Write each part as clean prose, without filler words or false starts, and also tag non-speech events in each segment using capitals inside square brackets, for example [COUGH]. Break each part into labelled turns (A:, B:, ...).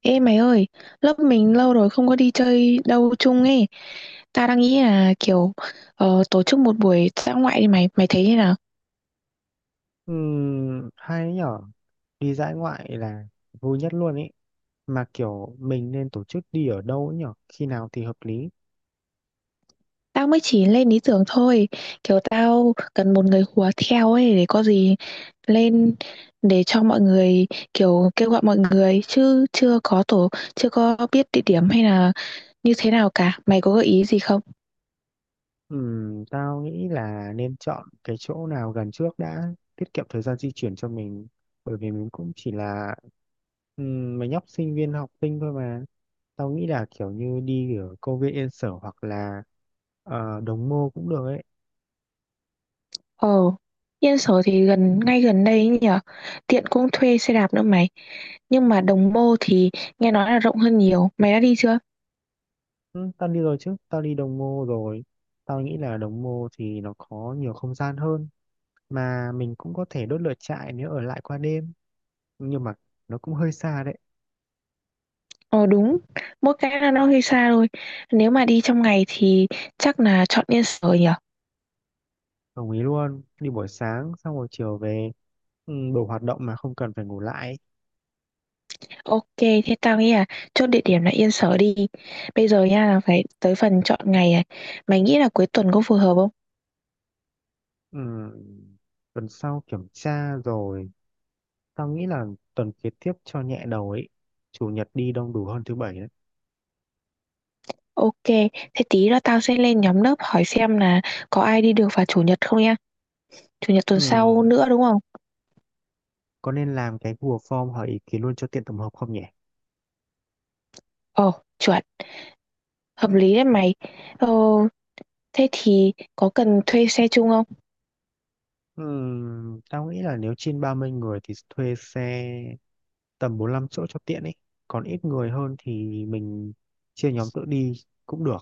A: Ê mày ơi, lớp mình lâu rồi không có đi chơi đâu chung ấy. Ta đang nghĩ là kiểu tổ chức một buổi dã ngoại đi mày, mày thấy thế nào?
B: Hay nhở, đi dã ngoại là vui nhất luôn ý. Mà kiểu mình nên tổ chức đi ở đâu ấy nhở, khi nào thì hợp lý?
A: Tao mới chỉ lên ý tưởng thôi. Kiểu tao cần một người hùa theo ấy để có gì lên để cho mọi người kiểu kêu gọi mọi người chứ chưa có tổ, chưa có biết địa điểm hay là như thế nào cả. Mày có gợi ý gì không?
B: Tao nghĩ là nên chọn cái chỗ nào gần trước đã, tiết kiệm thời gian di chuyển cho mình, bởi vì mình cũng chỉ là mấy nhóc sinh viên học sinh thôi mà. Tao nghĩ là kiểu như đi ở công viên Yên Sở hoặc là Đồng Mô cũng được ấy.
A: Ờ, Yên Sở thì gần ngay gần đây ấy nhỉ. Tiện cũng thuê xe đạp nữa mày. Nhưng mà Đồng Mô thì nghe nói là rộng hơn nhiều. Mày đã đi chưa?
B: Ừ, tao đi rồi, chứ tao đi Đồng Mô rồi. Tao nghĩ là Đồng Mô thì nó có nhiều không gian hơn, mà mình cũng có thể đốt lửa trại nếu ở lại qua đêm, nhưng mà nó cũng hơi xa đấy.
A: Ờ đúng, mỗi cái là nó hơi xa thôi. Nếu mà đi trong ngày thì chắc là chọn Yên Sở nhỉ.
B: Đồng ý luôn, đi buổi sáng xong rồi chiều về. Ừ, đủ hoạt động mà không cần phải ngủ lại.
A: Ok, thế tao nghĩ là chốt địa điểm là Yên Sở đi. Bây giờ nha là phải tới phần chọn ngày này. Mày nghĩ là cuối tuần có phù hợp không?
B: Ừ, tuần sau kiểm tra rồi, tao nghĩ là tuần kế tiếp cho nhẹ đầu ấy. Chủ nhật đi đông đủ hơn thứ bảy đấy.
A: Ok, thế tí nữa tao sẽ lên nhóm lớp hỏi xem là có ai đi được vào chủ nhật không nha. Chủ nhật tuần sau
B: Ừ,
A: nữa đúng không?
B: có nên làm cái Google Form hỏi ý kiến luôn cho tiện tổng hợp không nhỉ?
A: Ồ chuẩn. Hợp lý đấy mày. ờ, Thế thì có cần thuê xe chung không?
B: Ừ, tao nghĩ là nếu trên 30 người thì thuê xe tầm 45 chỗ cho tiện ấy. Còn ít người hơn thì mình chia nhóm tự đi cũng được.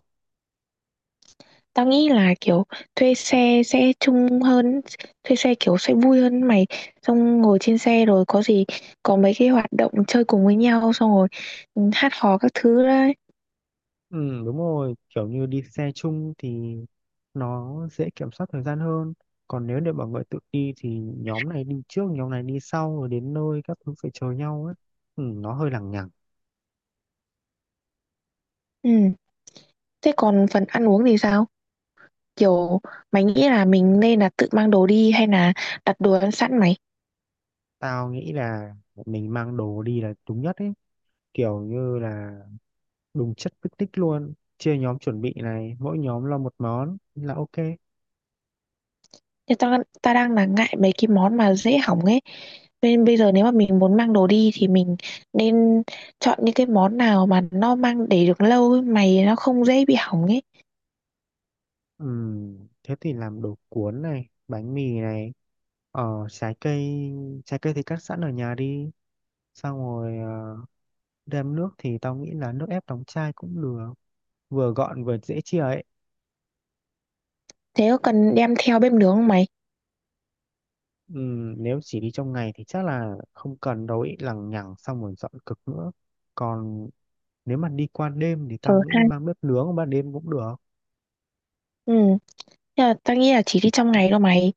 A: Tao nghĩ là kiểu thuê xe sẽ chung hơn, thuê xe kiểu sẽ vui hơn mày. Xong ngồi trên xe rồi có gì có mấy cái hoạt động chơi cùng với nhau, xong rồi hát hò các thứ đấy.
B: Ừ, đúng rồi, kiểu như đi xe chung thì nó dễ kiểm soát thời gian hơn. Còn nếu để mọi người tự đi thì nhóm này đi trước, nhóm này đi sau rồi đến nơi các thứ phải chờ nhau ấy. Ừ, nó hơi lằng nhằng.
A: Ừ. Thế còn phần ăn uống thì sao? Kiểu mày nghĩ là mình nên là tự mang đồ đi hay là đặt đồ ăn sẵn mày?
B: Tao nghĩ là mình mang đồ đi là đúng nhất ấy, kiểu như là đúng chất picnic luôn, chia nhóm chuẩn bị này, mỗi nhóm lo một món là ok.
A: Thì ta đang là ngại mấy cái món mà dễ hỏng ấy. Nên bây giờ nếu mà mình muốn mang đồ đi thì mình nên chọn những cái món nào mà nó mang để được lâu ấy, mày nó không dễ bị hỏng ấy.
B: Thế thì làm đồ cuốn này, bánh mì này, trái cây. Trái cây thì cắt sẵn ở nhà đi. Xong rồi đem nước thì tao nghĩ là nước ép đóng chai cũng được, vừa gọn vừa dễ chia ấy.
A: Thế có cần đem theo bếp nướng không mày?
B: Nếu chỉ đi trong ngày thì chắc là không cần đâu ý, lằng nhằng xong rồi dọn cực nữa. Còn nếu mà đi qua đêm thì
A: Ờ
B: tao
A: ha.
B: nghĩ mang bếp nướng ban đêm cũng được.
A: Ừ. Nhưng mà tao nghĩ là chỉ đi trong ngày đâu mày.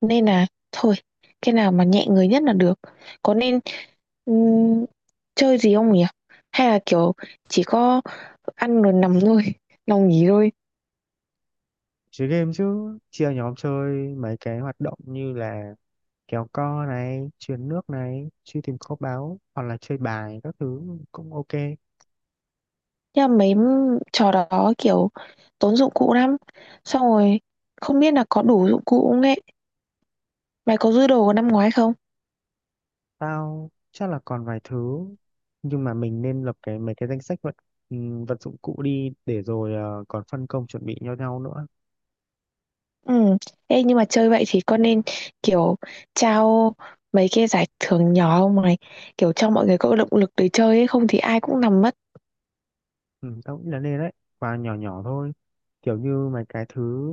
A: Nên là thôi, cái nào mà nhẹ người nhất là được. Có nên ừm, chơi gì không nhỉ? Hay là kiểu chỉ có ăn rồi nằm thôi, [LAUGHS] nằm nghỉ thôi.
B: Chơi game chứ, chia nhóm chơi mấy cái hoạt động như là kéo co này, truyền nước này, truy tìm kho báu hoặc là chơi bài các thứ cũng ok.
A: Nhưng mà mấy trò đó kiểu tốn dụng cụ lắm. Xong rồi không biết là có đủ dụng cụ không ấy. Mày có dư đồ năm ngoái không?
B: Tao chắc là còn vài thứ, nhưng mà mình nên lập cái mấy cái danh sách vật vật dụng cụ đi để rồi còn phân công chuẩn bị cho nhau nữa.
A: Ừ. Ê nhưng mà chơi vậy thì con nên kiểu trao mấy cái giải thưởng nhỏ không này. Kiểu cho mọi người có động lực để chơi ấy. Không thì ai cũng nằm mất.
B: Ừ, tao nghĩ là nên đấy, và nhỏ nhỏ thôi, kiểu như mấy cái thứ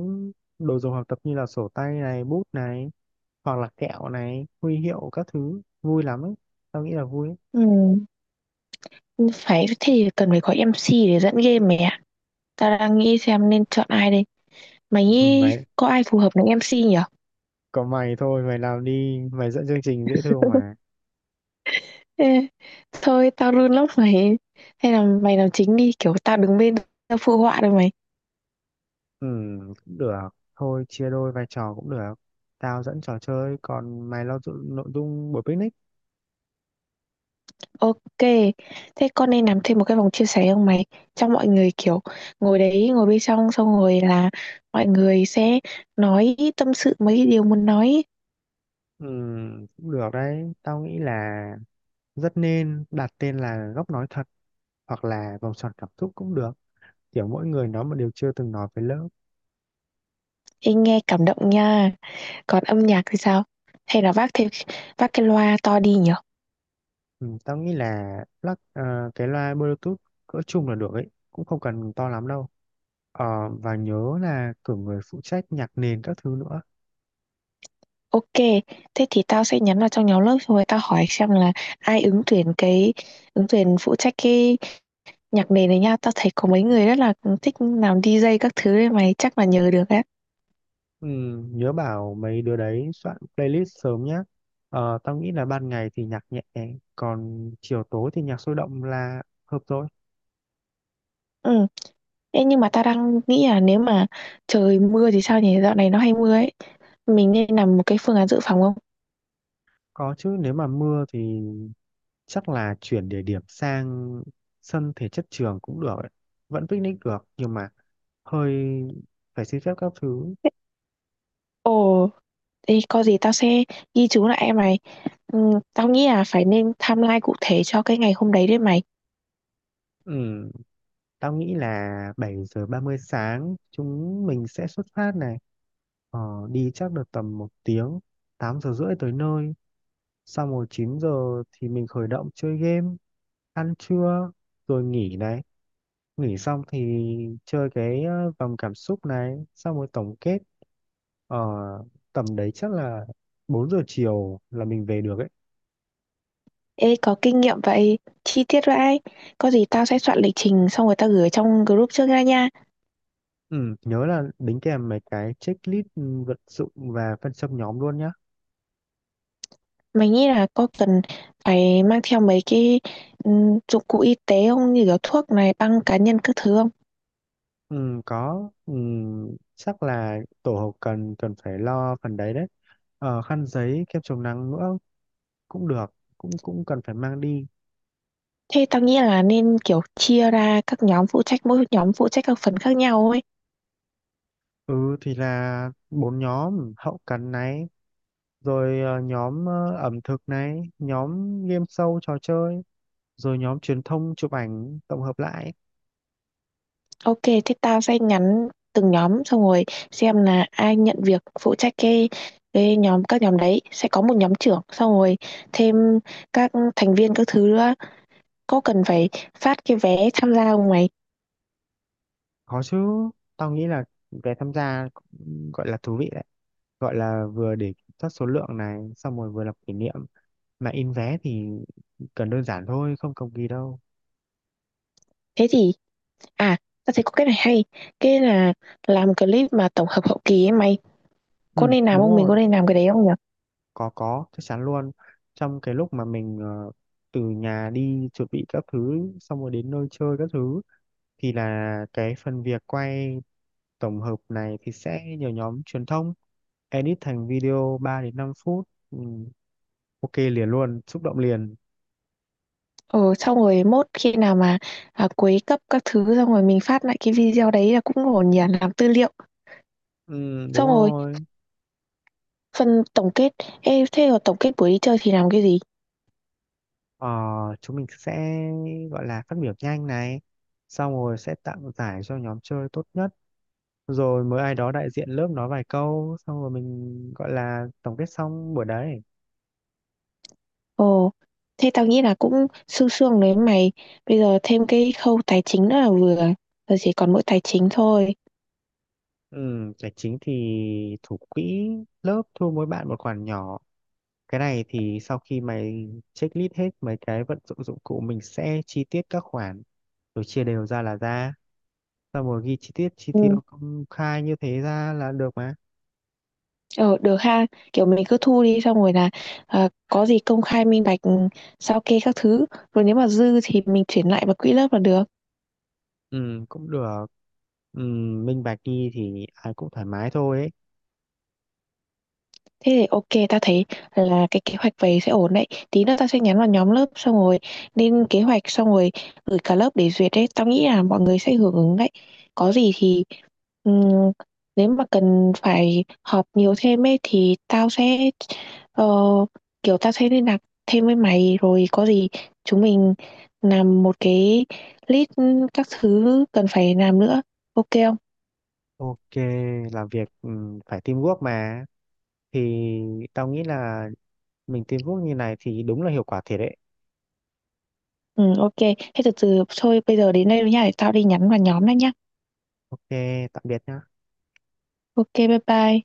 B: đồ dùng học tập như là sổ tay này, bút này hoặc là kẹo này, huy hiệu các thứ vui lắm ấy. Tao nghĩ là vui ấy.
A: Ừ. Phải thế thì cần phải có em MC để dẫn game mày ạ. Tao đang nghĩ xem nên chọn ai đây. Mày
B: Ừ,
A: nghĩ
B: mày
A: có ai phù hợp làm em MC nhỉ?
B: có mày thôi, mày làm đi, mày dẫn chương trình dễ thương mà.
A: Ê, thôi tao run lắm mày. Hay là mày làm chính đi. Kiểu tao đứng bên, tao phụ họa rồi mày.
B: Ừ, cũng được. Thôi chia đôi vai trò cũng được. Tao dẫn trò chơi, còn mày lo nội dung buổi picnic.
A: Ok. Thế con nên làm thêm một cái vòng chia sẻ không mày? Cho mọi người kiểu ngồi đấy, ngồi bên trong, xong rồi là mọi người sẽ nói tâm sự, mấy cái điều muốn nói.
B: Ừ, cũng được đấy. Tao nghĩ là rất nên đặt tên là góc nói thật hoặc là vòng tròn cảm xúc cũng được. Kiểu mỗi người nói một điều chưa từng nói với lớp.
A: Ê, nghe cảm động nha. Còn âm nhạc thì sao? Hay là vác cái loa to đi nhở?
B: Ừ, tao nghĩ là cái loa Bluetooth cỡ chung là được ấy. Cũng không cần to lắm đâu. Và nhớ là cử người phụ trách nhạc nền các thứ nữa.
A: Ok. Thế thì tao sẽ nhắn vào trong nhóm lớp, xong rồi tao hỏi xem là ai ứng tuyển phụ trách cái nhạc nền này nha. Tao thấy có mấy người rất là thích làm DJ các thứ đấy, mày chắc là nhớ được đấy.
B: Ừ, nhớ bảo mấy đứa đấy soạn playlist sớm nhé. Tao nghĩ là ban ngày thì nhạc nhẹ, còn chiều tối thì nhạc sôi động là hợp rồi.
A: Ừ. Ê, nhưng mà tao đang nghĩ là nếu mà trời mưa thì sao nhỉ, dạo này nó hay mưa ấy. Mình nên làm một cái phương án dự phòng không?
B: Có chứ, nếu mà mưa thì chắc là chuyển địa điểm sang sân thể chất trường cũng được ấy. Vẫn picnic được nhưng mà hơi phải xin phép các thứ.
A: Ồ, thì có gì tao sẽ ghi chú lại em mày. ừ, Tao nghĩ là phải nên timeline cụ thể cho cái ngày hôm đấy đấy mày.
B: Ừ, tao nghĩ là 7:30 sáng chúng mình sẽ xuất phát này. Ờ, Đi chắc được tầm 1 tiếng, 8:30 tới nơi. Xong rồi 9 giờ thì mình khởi động chơi game, ăn trưa rồi nghỉ này. Nghỉ xong thì chơi cái vòng cảm xúc này, xong rồi tổng kết ở tầm đấy chắc là 4 giờ chiều là mình về được ấy.
A: Ê, có kinh nghiệm vậy, chi tiết vậy, có gì tao sẽ soạn lịch trình xong rồi tao gửi trong group trước ra nha.
B: Ừ, nhớ là đính kèm mấy cái checklist vật dụng và phân xâm nhóm luôn nhá.
A: Mình nghĩ là có cần phải mang theo mấy cái dụng cụ y tế không? Như kiểu thuốc này, băng cá nhân các thứ không?
B: Ừ, có. Ừ, Chắc là tổ hợp cần cần phải lo phần đấy đấy. Khăn giấy kem chống nắng nữa cũng được, cũng cũng cần phải mang đi.
A: Thế tao nghĩ là nên, kiểu, chia ra các nhóm phụ trách, mỗi nhóm phụ trách các phần khác nhau ấy.
B: Ừ thì là bốn nhóm hậu cần này, rồi nhóm ẩm thực này, nhóm game show trò chơi, rồi nhóm truyền thông chụp ảnh tổng hợp lại.
A: Ok, thế tao sẽ nhắn từng nhóm xong rồi xem là ai nhận việc phụ trách cái nhóm, các nhóm đấy, sẽ có một nhóm trưởng, xong rồi thêm các thành viên các thứ nữa. Có cần phải phát cái vé tham gia không mày?
B: Có chứ, tao nghĩ là về tham gia cũng gọi là thú vị đấy, gọi là vừa để kiểm soát số lượng này, xong rồi vừa làm kỷ niệm. Mà in vé thì cần đơn giản thôi, không cầu kỳ đâu.
A: Thế thì À, ta thấy có cái này hay. Cái là làm clip mà tổng hợp hậu kỳ ấy mày. Có
B: Ừ
A: nên làm
B: đúng
A: không? Mình
B: rồi,
A: có nên làm cái đấy không nhỉ?
B: có, chắc chắn luôn. Trong cái lúc mà mình từ nhà đi chuẩn bị các thứ xong rồi đến nơi chơi các thứ thì là cái phần việc quay tổng hợp này thì sẽ nhờ nhóm truyền thông edit thành video 3 đến 5 phút. Ừ, ok liền luôn, xúc động liền.
A: Ừ, xong rồi mốt khi nào mà à, cuối cấp các thứ xong rồi mình phát lại cái video đấy là cũng ổn nhỉ, làm tư liệu.
B: Ừ, đúng
A: Xong rồi
B: rồi.
A: phần tổng kết. Ê, thế rồi tổng kết buổi đi chơi thì làm cái gì?
B: ờ, Chúng mình sẽ gọi là phát biểu nhanh này, xong rồi sẽ tặng giải cho nhóm chơi tốt nhất, rồi mới ai đó đại diện lớp nói vài câu xong rồi mình gọi là tổng kết xong buổi đấy.
A: Ồ, thế tao nghĩ là cũng sương sương đấy mày. Bây giờ thêm cái khâu tài chính nữa là vừa. Giờ chỉ còn mỗi tài chính thôi.
B: Ừ, tài chính thì thủ quỹ lớp thu mỗi bạn một khoản nhỏ. Cái này thì sau khi mày checklist hết mấy cái vận dụng dụng cụ mình sẽ chi tiết các khoản rồi chia đều ra là ra. Xong rồi ghi chi tiết chi
A: Ừ.
B: tiêu công khai như thế ra là được mà.
A: Ờ, được ha, kiểu mình cứ thu đi xong rồi là à, có gì công khai minh bạch, sao kê các thứ, rồi nếu mà dư thì mình chuyển lại vào quỹ lớp là được.
B: Ừ cũng được. Ừ, minh bạch đi thì ai cũng thoải mái thôi ấy.
A: Thế thì ok, ta thấy là cái kế hoạch về sẽ ổn đấy. Tí nữa tao sẽ nhắn vào nhóm lớp xong rồi lên kế hoạch xong rồi gửi cả lớp để duyệt đấy. Tao nghĩ là mọi người sẽ hưởng ứng đấy. Có gì thì ừm, nếu mà cần phải họp nhiều thêm ấy thì tao sẽ ờ, kiểu tao sẽ liên lạc thêm với mày rồi có gì chúng mình làm một cái list các thứ cần phải làm nữa. Ok không?
B: Ok, làm việc phải teamwork mà. Thì tao nghĩ là mình teamwork như này thì đúng là hiệu quả thiệt đấy.
A: Ừ, ok. Thế từ từ thôi bây giờ đến đây rồi nha, để tao đi nhắn vào nhóm đã nhá.
B: Ok, tạm biệt nhá.
A: Ok, bye bye.